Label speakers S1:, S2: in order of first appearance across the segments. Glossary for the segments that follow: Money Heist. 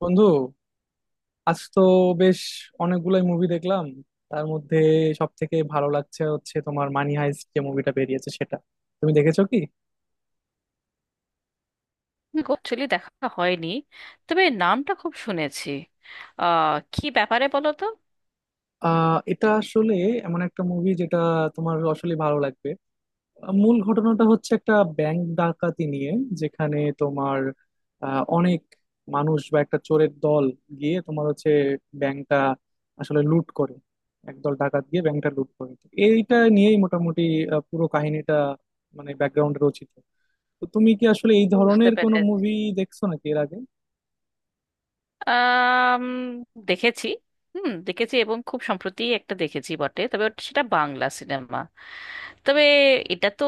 S1: বন্ধু, আজ তো বেশ অনেকগুলাই মুভি দেখলাম। তার মধ্যে সব থেকে ভালো লাগছে হচ্ছে তোমার মানি হাইস্ট যে মুভিটা বেরিয়েছে সেটা। তুমি দেখেছো কি?
S2: অ্যাকচুয়ালি দেখা হয়নি। তবে নামটা খুব শুনেছি। কি ব্যাপারে বলো তো।
S1: এটা আসলে এমন একটা মুভি যেটা তোমার আসলে ভালো লাগবে। মূল ঘটনাটা হচ্ছে একটা ব্যাংক ডাকাতি নিয়ে, যেখানে তোমার অনেক মানুষ বা একটা চোরের দল গিয়ে তোমার হচ্ছে ব্যাংকটা আসলে লুট করে। একদল ডাকাত গিয়ে ব্যাংকটা লুট করে, তো এইটা নিয়েই মোটামুটি পুরো কাহিনীটা মানে ব্যাকগ্রাউন্ডে রচিত। তো তুমি কি আসলে এই
S2: বুঝতে
S1: ধরনের কোনো
S2: পেরেছি।
S1: মুভি দেখছো নাকি এর আগে?
S2: আম, দেখেছি। হুম, দেখেছি এবং খুব সম্প্রতি একটা দেখেছি বটে, তবে সেটা বাংলা সিনেমা। তবে এটা তো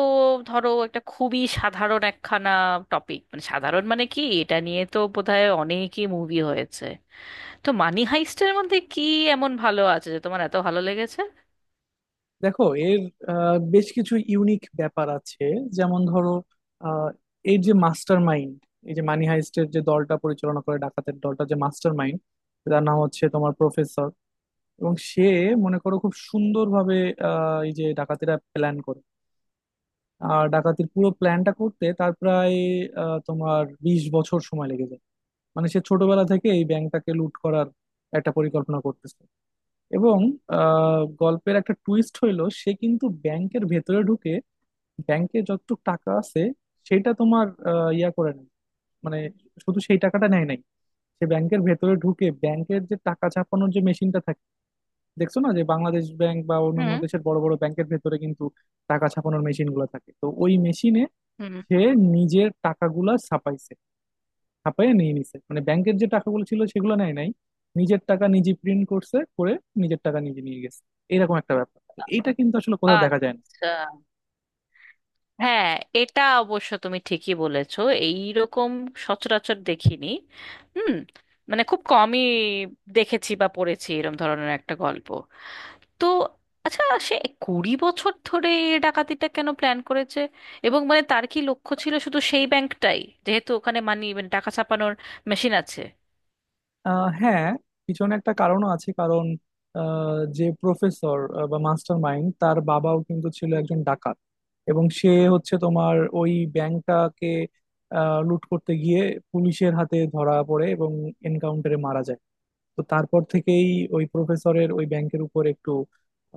S2: ধরো একটা খুবই সাধারণ একখানা টপিক। মানে সাধারণ মানে কি, এটা নিয়ে তো বোধহয় অনেকই মুভি হয়েছে। তো মানি হাইস্টের মধ্যে কি এমন ভালো আছে যে তোমার এত ভালো লেগেছে?
S1: দেখো, এর বেশ কিছু ইউনিক ব্যাপার আছে। যেমন ধরো, আহ, এর যে মাস্টার মাইন্ড, এই যে মানি হাইস্টের যে দলটা পরিচালনা করে, ডাকাতের দলটা যে মাস্টার মাইন্ড, তার নাম হচ্ছে তোমার প্রফেসর। এবং সে মনে করো খুব সুন্দরভাবে, এই যে ডাকাতিরা প্ল্যান করে। আর ডাকাতির পুরো প্ল্যানটা করতে তার প্রায় তোমার 20 বছর সময় লেগে যায়। মানে সে ছোটবেলা থেকে এই ব্যাংকটাকে লুট করার একটা পরিকল্পনা করতেছে। এবং গল্পের একটা টুইস্ট হইলো সে কিন্তু ব্যাংকের ভেতরে ঢুকে ব্যাংকে যতটুকু টাকা আছে সেটা তোমার ইয়া করে নেয়। মানে শুধু সেই টাকাটা নেয় নাই, সে ব্যাংকের ভেতরে ঢুকে ব্যাংকের যে টাকা ছাপানোর যে মেশিনটা থাকে, দেখছো না যে বাংলাদেশ ব্যাংক বা অন্যান্য
S2: হুম,
S1: দেশের বড় বড় ব্যাংকের ভেতরে কিন্তু টাকা ছাপানোর মেশিন গুলো থাকে, তো ওই মেশিনে
S2: হুম।
S1: সে নিজের টাকাগুলা ছাপাইছে, হাঁপাইয়া নিয়ে নিছে। মানে ব্যাংকের যে টাকাগুলো ছিল সেগুলো নেয় নাই, নিজের টাকা নিজে প্রিন্ট করছে করে নিজের টাকা নিজে নিয়ে গেছে। এরকম একটা ব্যাপার, তো এইটা কিন্তু আসলে কোথাও দেখা যায় না।
S2: আচ্ছা, হ্যাঁ, এটা অবশ্য তুমি ঠিকই বলেছো। এইরকম সচরাচর দেখিনি। হুম। মানে খুব কমই দেখেছি বা পড়েছি এরম ধরনের একটা গল্প। তো আচ্ছা, সে 20 বছর ধরে এই ডাকাতিটা কেন প্ল্যান করেছে? এবং মানে তার কি লক্ষ্য ছিল শুধু সেই ব্যাংকটাই, যেহেতু ওখানে মানি মানে টাকা ছাপানোর মেশিন আছে?
S1: হ্যাঁ, পিছনে একটা কারণও আছে। কারণ যে প্রফেসর বা মাস্টার মাইন্ড তার বাবাও কিন্তু ছিল একজন ডাকাত। এবং সে হচ্ছে তোমার ওই ব্যাংকটাকে লুট করতে গিয়ে পুলিশের হাতে ধরা পড়ে এবং এনকাউন্টারে মারা যায়। তো তারপর থেকেই ওই প্রফেসরের ওই ব্যাংকের উপর একটু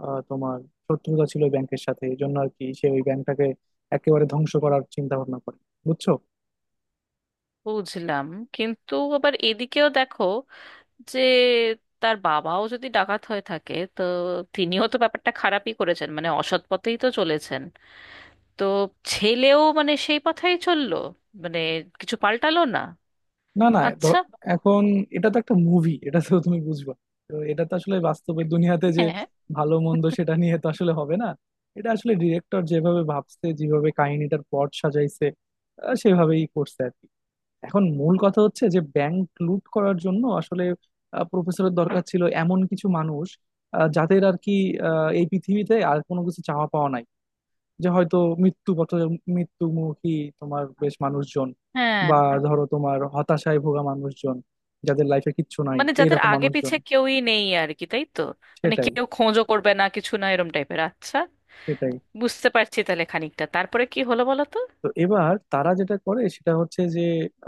S1: তোমার শত্রুতা ছিল ওই ব্যাংকের সাথে। এই জন্য আর কি সে ওই ব্যাংকটাকে একেবারে ধ্বংস করার চিন্তা ভাবনা করে, বুঝছো?
S2: বুঝলাম, কিন্তু আবার এদিকেও দেখো যে তার বাবাও যদি ডাকাত হয়ে থাকে, তো তিনিও তো ব্যাপারটা খারাপই করেছেন, মানে অসৎ পথেই তো চলেছেন। তো ছেলেও মানে সেই পথেই চললো, মানে কিছু পাল্টালো না।
S1: না, না,
S2: আচ্ছা।
S1: এখন এটা তো একটা মুভি, এটা তো তুমি বুঝবা। তো এটা তো আসলে বাস্তবের দুনিয়াতে যে
S2: হ্যাঁ,
S1: ভালো মন্দ সেটা নিয়ে তো আসলে হবে না। এটা আসলে ডিরেক্টর যেভাবে ভাবছে, যেভাবে কাহিনীটার পট সাজাইছে, সেভাবেই করছে আর কি। এখন মূল কথা হচ্ছে যে ব্যাংক লুট করার জন্য আসলে প্রফেসরের দরকার ছিল এমন কিছু মানুষ, যাদের আর কি এই পৃথিবীতে আর কোনো কিছু চাওয়া পাওয়া নাই। যে হয়তো মৃত্যু পথ, মৃত্যুমুখী তোমার বেশ মানুষজন,
S2: হ্যাঁ।
S1: বা ধরো তোমার হতাশায় ভোগা মানুষজন, যাদের লাইফে কিচ্ছু নাই
S2: মানে যাদের
S1: এইরকম
S2: আগে
S1: মানুষজন।
S2: পিছে কেউই নেই আর কি, তাই তো? মানে
S1: সেটাই,
S2: কেউ খোঁজও করবে না কিছু না এরম টাইপের। আচ্ছা,
S1: সেটাই।
S2: বুঝতে পারছি তাহলে খানিকটা। তারপরে কি হলো বলো তো?
S1: তো এবার তারা যেটা করে সেটা হচ্ছে যে,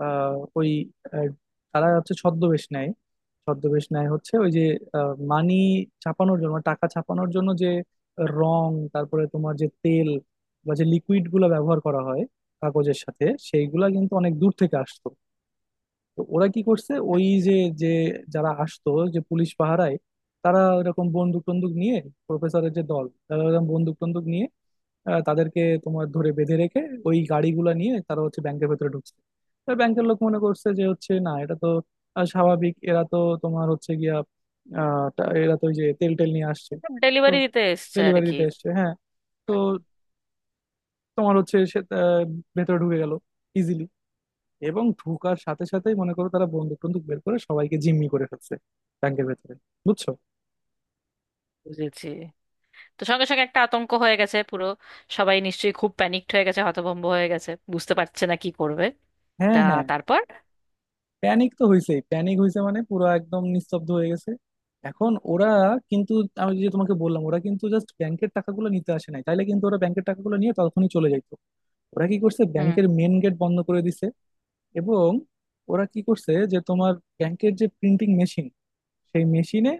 S1: আহ, ওই আহ, তারা হচ্ছে ছদ্মবেশ নেয়। ছদ্মবেশ নেয় হচ্ছে ওই যে মানি ছাপানোর জন্য, টাকা ছাপানোর জন্য যে রং, তারপরে তোমার যে তেল বা যে লিকুইড গুলো ব্যবহার করা হয় কাগজের সাথে, সেইগুলা কিন্তু অনেক দূর থেকে আসতো। তো ওরা কি করছে, ওই যে, যে যারা আসতো যে পুলিশ পাহারায়, তারা এরকম বন্দুক টন্দুক নিয়ে, প্রফেসরের যে দল তারা এরকম বন্দুক টন্দুক নিয়ে তাদেরকে তোমার ধরে বেঁধে রেখে ওই গাড়িগুলো নিয়ে তারা হচ্ছে ব্যাংকের ভেতরে ঢুকছে। তো ব্যাংকের লোক মনে করছে যে হচ্ছে না এটা তো স্বাভাবিক। এরা তো তোমার হচ্ছে গিয়া এরা তো ওই যে তেল টেল নিয়ে আসছে। তো
S2: ডেলিভারি দিতে এসছে আর
S1: ডেলিভারি
S2: কি।
S1: দিতে এসছে, হ্যাঁ। তো
S2: হুম,
S1: তোমার হচ্ছে সে ভেতরে ঢুকে গেল ইজিলি, এবং ঢুকার সাথে সাথেই মনে করো তারা বন্দুক টন্দুক বের করে সবাইকে জিম্মি করে ফেলছে ব্যাংকের ভেতরে, বুঝছো?
S2: বুঝেছি। তো সঙ্গে সঙ্গে একটা আতঙ্ক হয়ে গেছে পুরো। সবাই নিশ্চয়ই খুব প্যানিকড হয়ে গেছে, হতভম্ব হয়ে গেছে, বুঝতে পারছে না কি করবে।
S1: হ্যাঁ,
S2: তা,
S1: হ্যাঁ।
S2: তারপর?
S1: প্যানিক তো হয়েছে, প্যানিক হয়েছে মানে পুরো একদম নিস্তব্ধ হয়ে গেছে। এখন ওরা কিন্তু, আমি যে তোমাকে বললাম, ওরা কিন্তু জাস্ট ব্যাংকের টাকাগুলো নিতে আসে নাই, তাইলে কিন্তু ওরা ব্যাংকের টাকাগুলো নিয়ে তখনই চলে যাইতো। ওরা কি করছে,
S2: হুম।
S1: ব্যাংকের মেন গেট বন্ধ করে দিছে। এবং ওরা কি করছে যে তোমার ব্যাংকের যে প্রিন্টিং মেশিন সেই মেশিনে,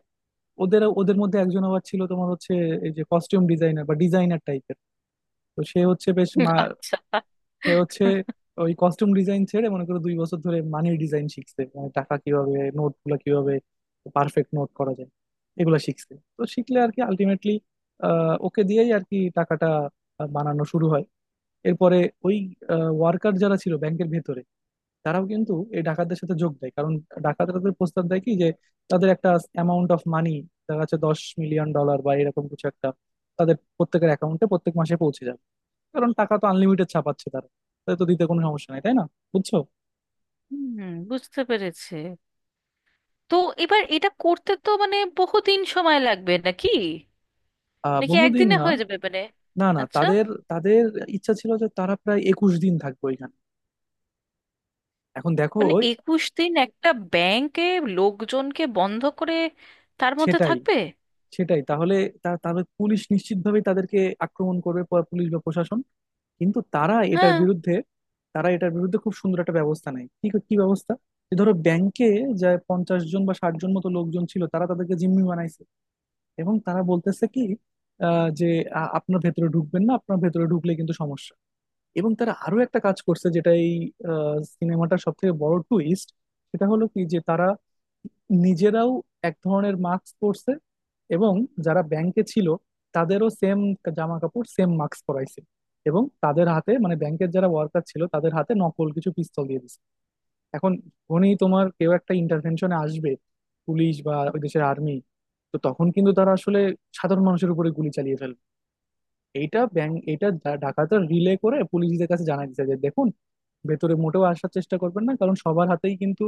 S1: ওদের ওদের মধ্যে একজন আবার ছিল তোমার হচ্ছে এই যে কস্টিউম ডিজাইনার বা ডিজাইনার টাইপের। তো সে হচ্ছে বেশ,
S2: আচ্ছা।
S1: এ হচ্ছে ওই কস্টিউম ডিজাইন ছেড়ে মনে করো 2 বছর ধরে মানি ডিজাইন শিখছে, মানে টাকা কিভাবে, নোট গুলা কিভাবে পারফেক্ট নোট করা যায় এগুলা শিখছে। তো শিখলে আর কি আলটিমেটলি ওকে দিয়েই আর কি টাকাটা বানানো শুরু হয়। এরপরে ওই ওয়ার্কার যারা ছিল ব্যাংকের ভেতরে, তারাও কিন্তু এই ডাকাতদের সাথে যোগ দেয়। কারণ ডাকাতরা তো প্রস্তাব দেয় কি, যে তাদের একটা অ্যামাউন্ট অফ মানি, তার কাছে 10 মিলিয়ন ডলার বা এরকম কিছু একটা, তাদের প্রত্যেকের অ্যাকাউন্টে প্রত্যেক মাসে পৌঁছে যাবে। কারণ টাকা তো আনলিমিটেড ছাপাচ্ছে তারা, তাদের তো দিতে কোনো সমস্যা নাই, তাই না? বুঝছো?
S2: হুম, বুঝতে পেরেছে। তো এবার এটা করতে তো মানে বহুদিন সময় লাগবে নাকি? নাকি
S1: বহুদিন
S2: একদিনে
S1: না।
S2: হয়ে যাবে মানে?
S1: না, না,
S2: আচ্ছা।
S1: তাদের তাদের ইচ্ছা ছিল যে তারা প্রায় 21 দিন থাকবে ওইখানে। এখন দেখো,
S2: মানে 21 দিন একটা ব্যাংকে লোকজনকে বন্ধ করে তার মধ্যে
S1: সেটাই,
S2: থাকবে?
S1: সেটাই তাহলে। তাহলে পুলিশ নিশ্চিতভাবেই তাদেরকে আক্রমণ করবে, পুলিশ বা প্রশাসন। কিন্তু
S2: হ্যাঁ,
S1: তারা এটার বিরুদ্ধে খুব সুন্দর একটা ব্যবস্থা নেয়। কি কি ব্যবস্থা? যে ধরো ব্যাংকে যায় 50 জন বা 60 জন মতো লোকজন ছিল, তারা তাদেরকে জিম্মি বানাইছে। এবং তারা বলতেছে কি, যে আপনার ভেতরে ঢুকবেন না, আপনার ভেতরে ঢুকলে কিন্তু সমস্যা। এবং তারা আরো একটা কাজ করছে, যেটা এই সিনেমাটার সব থেকে বড় টুইস্ট, সেটা হলো কি যে, তারা নিজেরাও এক ধরনের মাস্ক পরছে। এবং যারা ব্যাংকে ছিল তাদেরও সেম জামা কাপড়, সেম মাস্ক পরাইছে। এবং তাদের হাতে, মানে ব্যাংকের যারা ওয়ার্কার ছিল, তাদের হাতে নকল কিছু পিস্তল দিয়ে দিছে। এখন যখনই তোমার কেউ একটা ইন্টারভেনশনে আসবে, পুলিশ বা ওই দেশের আর্মি, তো তখন কিন্তু তারা আসলে সাধারণ মানুষের উপরে গুলি চালিয়ে ফেলবে, এইটা ব্যাংক, এটা ডাকাতরা রিলে করে পুলিশদের কাছে জানায় দিতে যে দেখুন, ভেতরে মোটেও আসার চেষ্টা করবেন না, কারণ সবার হাতেই কিন্তু,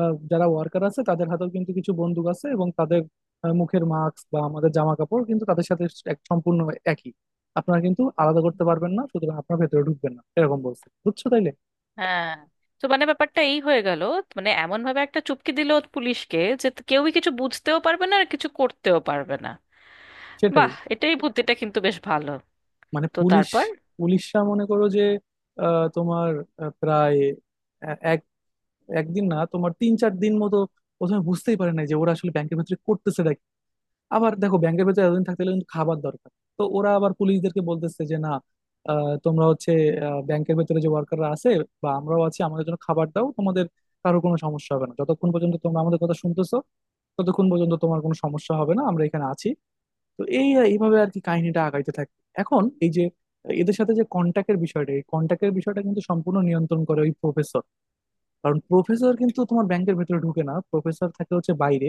S1: যারা ওয়ার্কার আছে তাদের হাতেও কিন্তু কিছু বন্দুক আছে, এবং তাদের মুখের মাস্ক বা আমাদের জামা কাপড় কিন্তু তাদের সাথে এক সম্পূর্ণ একই, আপনারা কিন্তু আলাদা করতে পারবেন না, সুতরাং আপনারা ভেতরে ঢুকবেন না, এরকম বলছে, বুঝছো তাইলে?
S2: হ্যাঁ। তো মানে ব্যাপারটা এই হয়ে গেল। মানে এমন ভাবে একটা চুপকে দিল পুলিশকে যে তো কেউই কিছু বুঝতেও পারবে না আর কিছু করতেও পারবে না।
S1: সেটাই।
S2: বাহ, এটাই বুদ্ধিটা কিন্তু বেশ ভালো।
S1: মানে
S2: তো তারপর?
S1: পুলিশরা মনে করো যে তোমার প্রায় এক একদিন না, তোমার 3-4 দিন মতো প্রথমে বুঝতেই পারে না যে ওরা আসলে ব্যাংকের ভিতরে করতেছে নাকি। আবার দেখো ব্যাংকের ভিতরে এতদিন থাকতে গেলে কিন্তু খাবার দরকার। তো ওরা আবার পুলিশদেরকে বলতেছে যে না, তোমরা হচ্ছে ব্যাংকের ভিতরে যে ওয়ার্কাররা আছে বা আমরাও আছি, আমাদের জন্য খাবার দাও। তোমাদের কারো কোনো সমস্যা হবে না, যতক্ষণ পর্যন্ত তোমরা আমাদের কথা শুনতেছো ততক্ষণ পর্যন্ত তোমার কোনো সমস্যা হবে না, আমরা এখানে আছি। তো এইভাবে আর কি কাহিনীটা আগাইতে থাকে। এখন এই যে এদের সাথে যে কন্টাক্টের বিষয়টা, এই কন্টাক্টের বিষয়টা কিন্তু সম্পূর্ণ নিয়ন্ত্রণ করে ওই প্রফেসর। কারণ প্রফেসর কিন্তু তোমার ব্যাংকের ভেতরে ঢুকে না, প্রফেসর থাকে হচ্ছে বাইরে।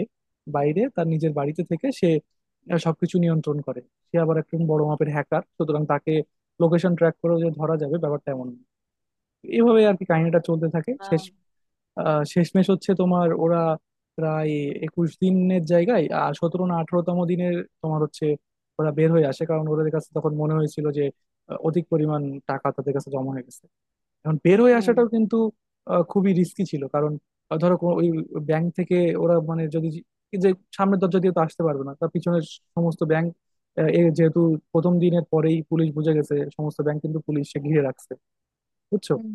S1: বাইরে তার নিজের বাড়িতে থেকে সে সবকিছু নিয়ন্ত্রণ করে। সে আবার একজন বড় মাপের হ্যাকার, সুতরাং তাকে লোকেশন ট্র্যাক করেও যে ধরা যাবে ব্যাপারটা এমন না। এইভাবে আর কি কাহিনীটা চলতে থাকে। শেষ,
S2: আহ,
S1: শেষমেশ হচ্ছে তোমার ওরা প্রায় একুশ দিনের জায়গায় আর সতেরো না আঠারোতম দিনের তোমার হচ্ছে ওরা বের হয়ে আসে, কারণ ওদের কাছে তখন মনে হয়েছিল যে অধিক পরিমাণ টাকা তাদের কাছে জমা হয়ে গেছে। এখন বের হয়ে
S2: হ্যাঁ।
S1: আসাটাও কিন্তু খুবই রিস্কি ছিল, কারণ ধরো ওই ব্যাংক থেকে ওরা, মানে যদি, যে সামনের দরজা দিয়ে তো আসতে পারবে না, তার পিছনের সমস্ত ব্যাংক, যেহেতু প্রথম দিনের পরেই পুলিশ বুঝে গেছে, সমস্ত ব্যাংক কিন্তু পুলিশে ঘিরে রাখছে, বুঝছো?
S2: হুম।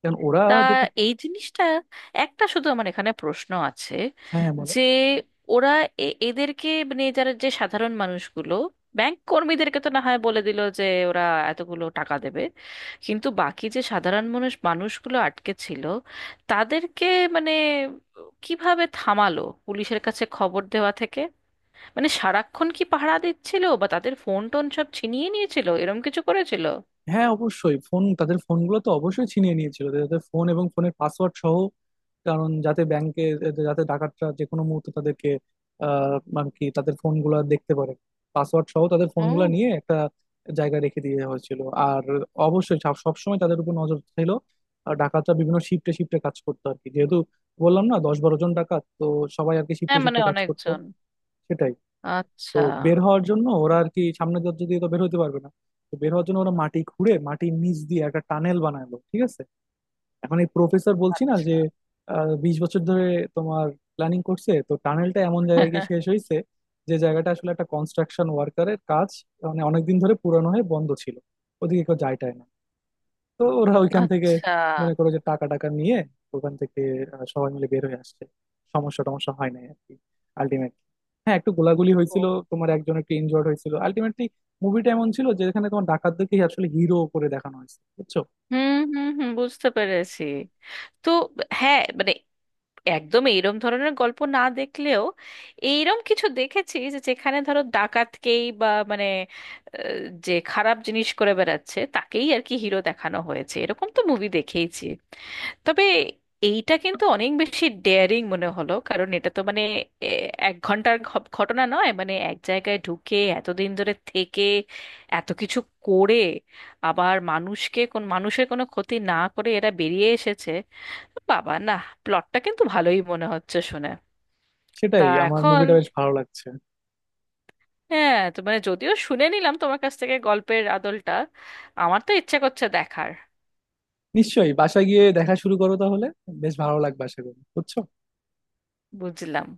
S1: কারণ ওরা
S2: তা,
S1: যেটা,
S2: এই জিনিসটা, একটা শুধু আমার এখানে প্রশ্ন আছে
S1: হ্যাঁ, বলো।
S2: যে ওরা এদেরকে মানে যারা, যে সাধারণ মানুষগুলো, ব্যাংক কর্মীদেরকে তো না হয় বলে দিল যে ওরা এতগুলো টাকা দেবে, কিন্তু বাকি যে সাধারণ মানুষ মানুষগুলো আটকে ছিল তাদেরকে মানে কিভাবে থামালো পুলিশের কাছে খবর দেওয়া থেকে? মানে সারাক্ষণ কি পাহারা দিচ্ছিল বা তাদের ফোন টোন সব ছিনিয়ে নিয়েছিল এরম কিছু করেছিল?
S1: হ্যাঁ, অবশ্যই ফোন, তাদের ফোনগুলো তো অবশ্যই ছিনিয়ে নিয়েছিল তাদের ফোন এবং ফোনের পাসওয়ার্ড সহ। কারণ যাতে ব্যাংকে, যাতে ডাকাতরা যে কোনো মুহূর্তে তাদেরকে, মানে কি তাদের ফোনগুলো দেখতে পারে, পাসওয়ার্ড সহ তাদের ফোনগুলো
S2: হুম।
S1: নিয়ে একটা জায়গায় রেখে দিয়ে হয়েছিল। আর অবশ্যই সবসময় তাদের উপর নজর ছিল। আর ডাকাতরা বিভিন্ন শিফটে শিফটে কাজ করতো আর কি, যেহেতু বললাম না 10-12 জন ডাকাত তো, সবাই আর কি শিফটে
S2: হ্যাঁ মানে
S1: শিফটে কাজ করতো।
S2: অনেকজন।
S1: সেটাই। তো
S2: আচ্ছা।
S1: বের হওয়ার জন্য ওরা আর কি সামনে দরজা দিয়ে তো বের হতে পারবে না। তো বের হওয়ার জন্য ওরা মাটি খুঁড়ে মাটির নিচ দিয়ে একটা টানেল বানালো, ঠিক আছে। এখন এই প্রফেসর বলছি না যে
S2: আচ্ছা।
S1: 20 বছর ধরে তোমার প্ল্যানিং করছে, তো টানেলটা এমন জায়গায় গিয়ে শেষ হয়েছে যে জায়গাটা আসলে একটা কনস্ট্রাকশন ওয়ার্কারের কাজ, মানে অনেকদিন ধরে পুরানো হয়ে বন্ধ ছিল, ওদিকে কেউ যায় টায় না। তো ওরা ওইখান থেকে
S2: আচ্ছা।
S1: মনে করো যে টাকা টাকা নিয়ে ওখান থেকে সবাই মিলে বের হয়ে আসছে। সমস্যা টমস্যা হয় নাই আর কি, আলটিমেটলি। হ্যাঁ, একটু গোলাগুলি
S2: ও।
S1: হয়েছিল, তোমার একজন একটু ইনজয়ার্ড হয়েছিল আলটিমেটলি। মুভিটা এমন ছিল যে এখানে তোমার ডাকাতদেরকেই আসলে হিরো করে দেখানো হয়েছে, বুঝছো?
S2: হুম, হুম, হুম, বুঝতে পেরেছি। তো হ্যাঁ, মানে একদম এইরম ধরনের গল্প না দেখলেও এইরম কিছু দেখেছি, যে যেখানে ধরো ডাকাতকেই বা মানে, আহ, যে খারাপ জিনিস করে বেড়াচ্ছে তাকেই আর কি হিরো দেখানো হয়েছে, এরকম তো মুভি দেখেইছি। তবে এইটা কিন্তু অনেক বেশি ডেয়ারিং মনে হলো, কারণ এটা তো মানে এ, এক ঘন্টার ঘটনা নয়, মানে এক জায়গায় ঢুকে এতদিন ধরে থেকে এত কিছু করে আবার মানুষকে কোন মানুষের কোনো ক্ষতি না করে এরা বেরিয়ে এসেছে। বাবা না, প্লটটা কিন্তু ভালোই মনে হচ্ছে শুনে। তা
S1: সেটাই, আমার
S2: এখন
S1: মুভিটা বেশ ভালো লাগছে।
S2: হ্যাঁ, তো মানে যদিও শুনে নিলাম তোমার কাছ থেকে গল্পের আদলটা, আমার তো ইচ্ছা করছে দেখার।
S1: নিশ্চয়ই বাসায় গিয়ে দেখা শুরু করো তাহলে, বেশ ভালো লাগবে আশা করি, বুঝছো?
S2: বুঝলাম।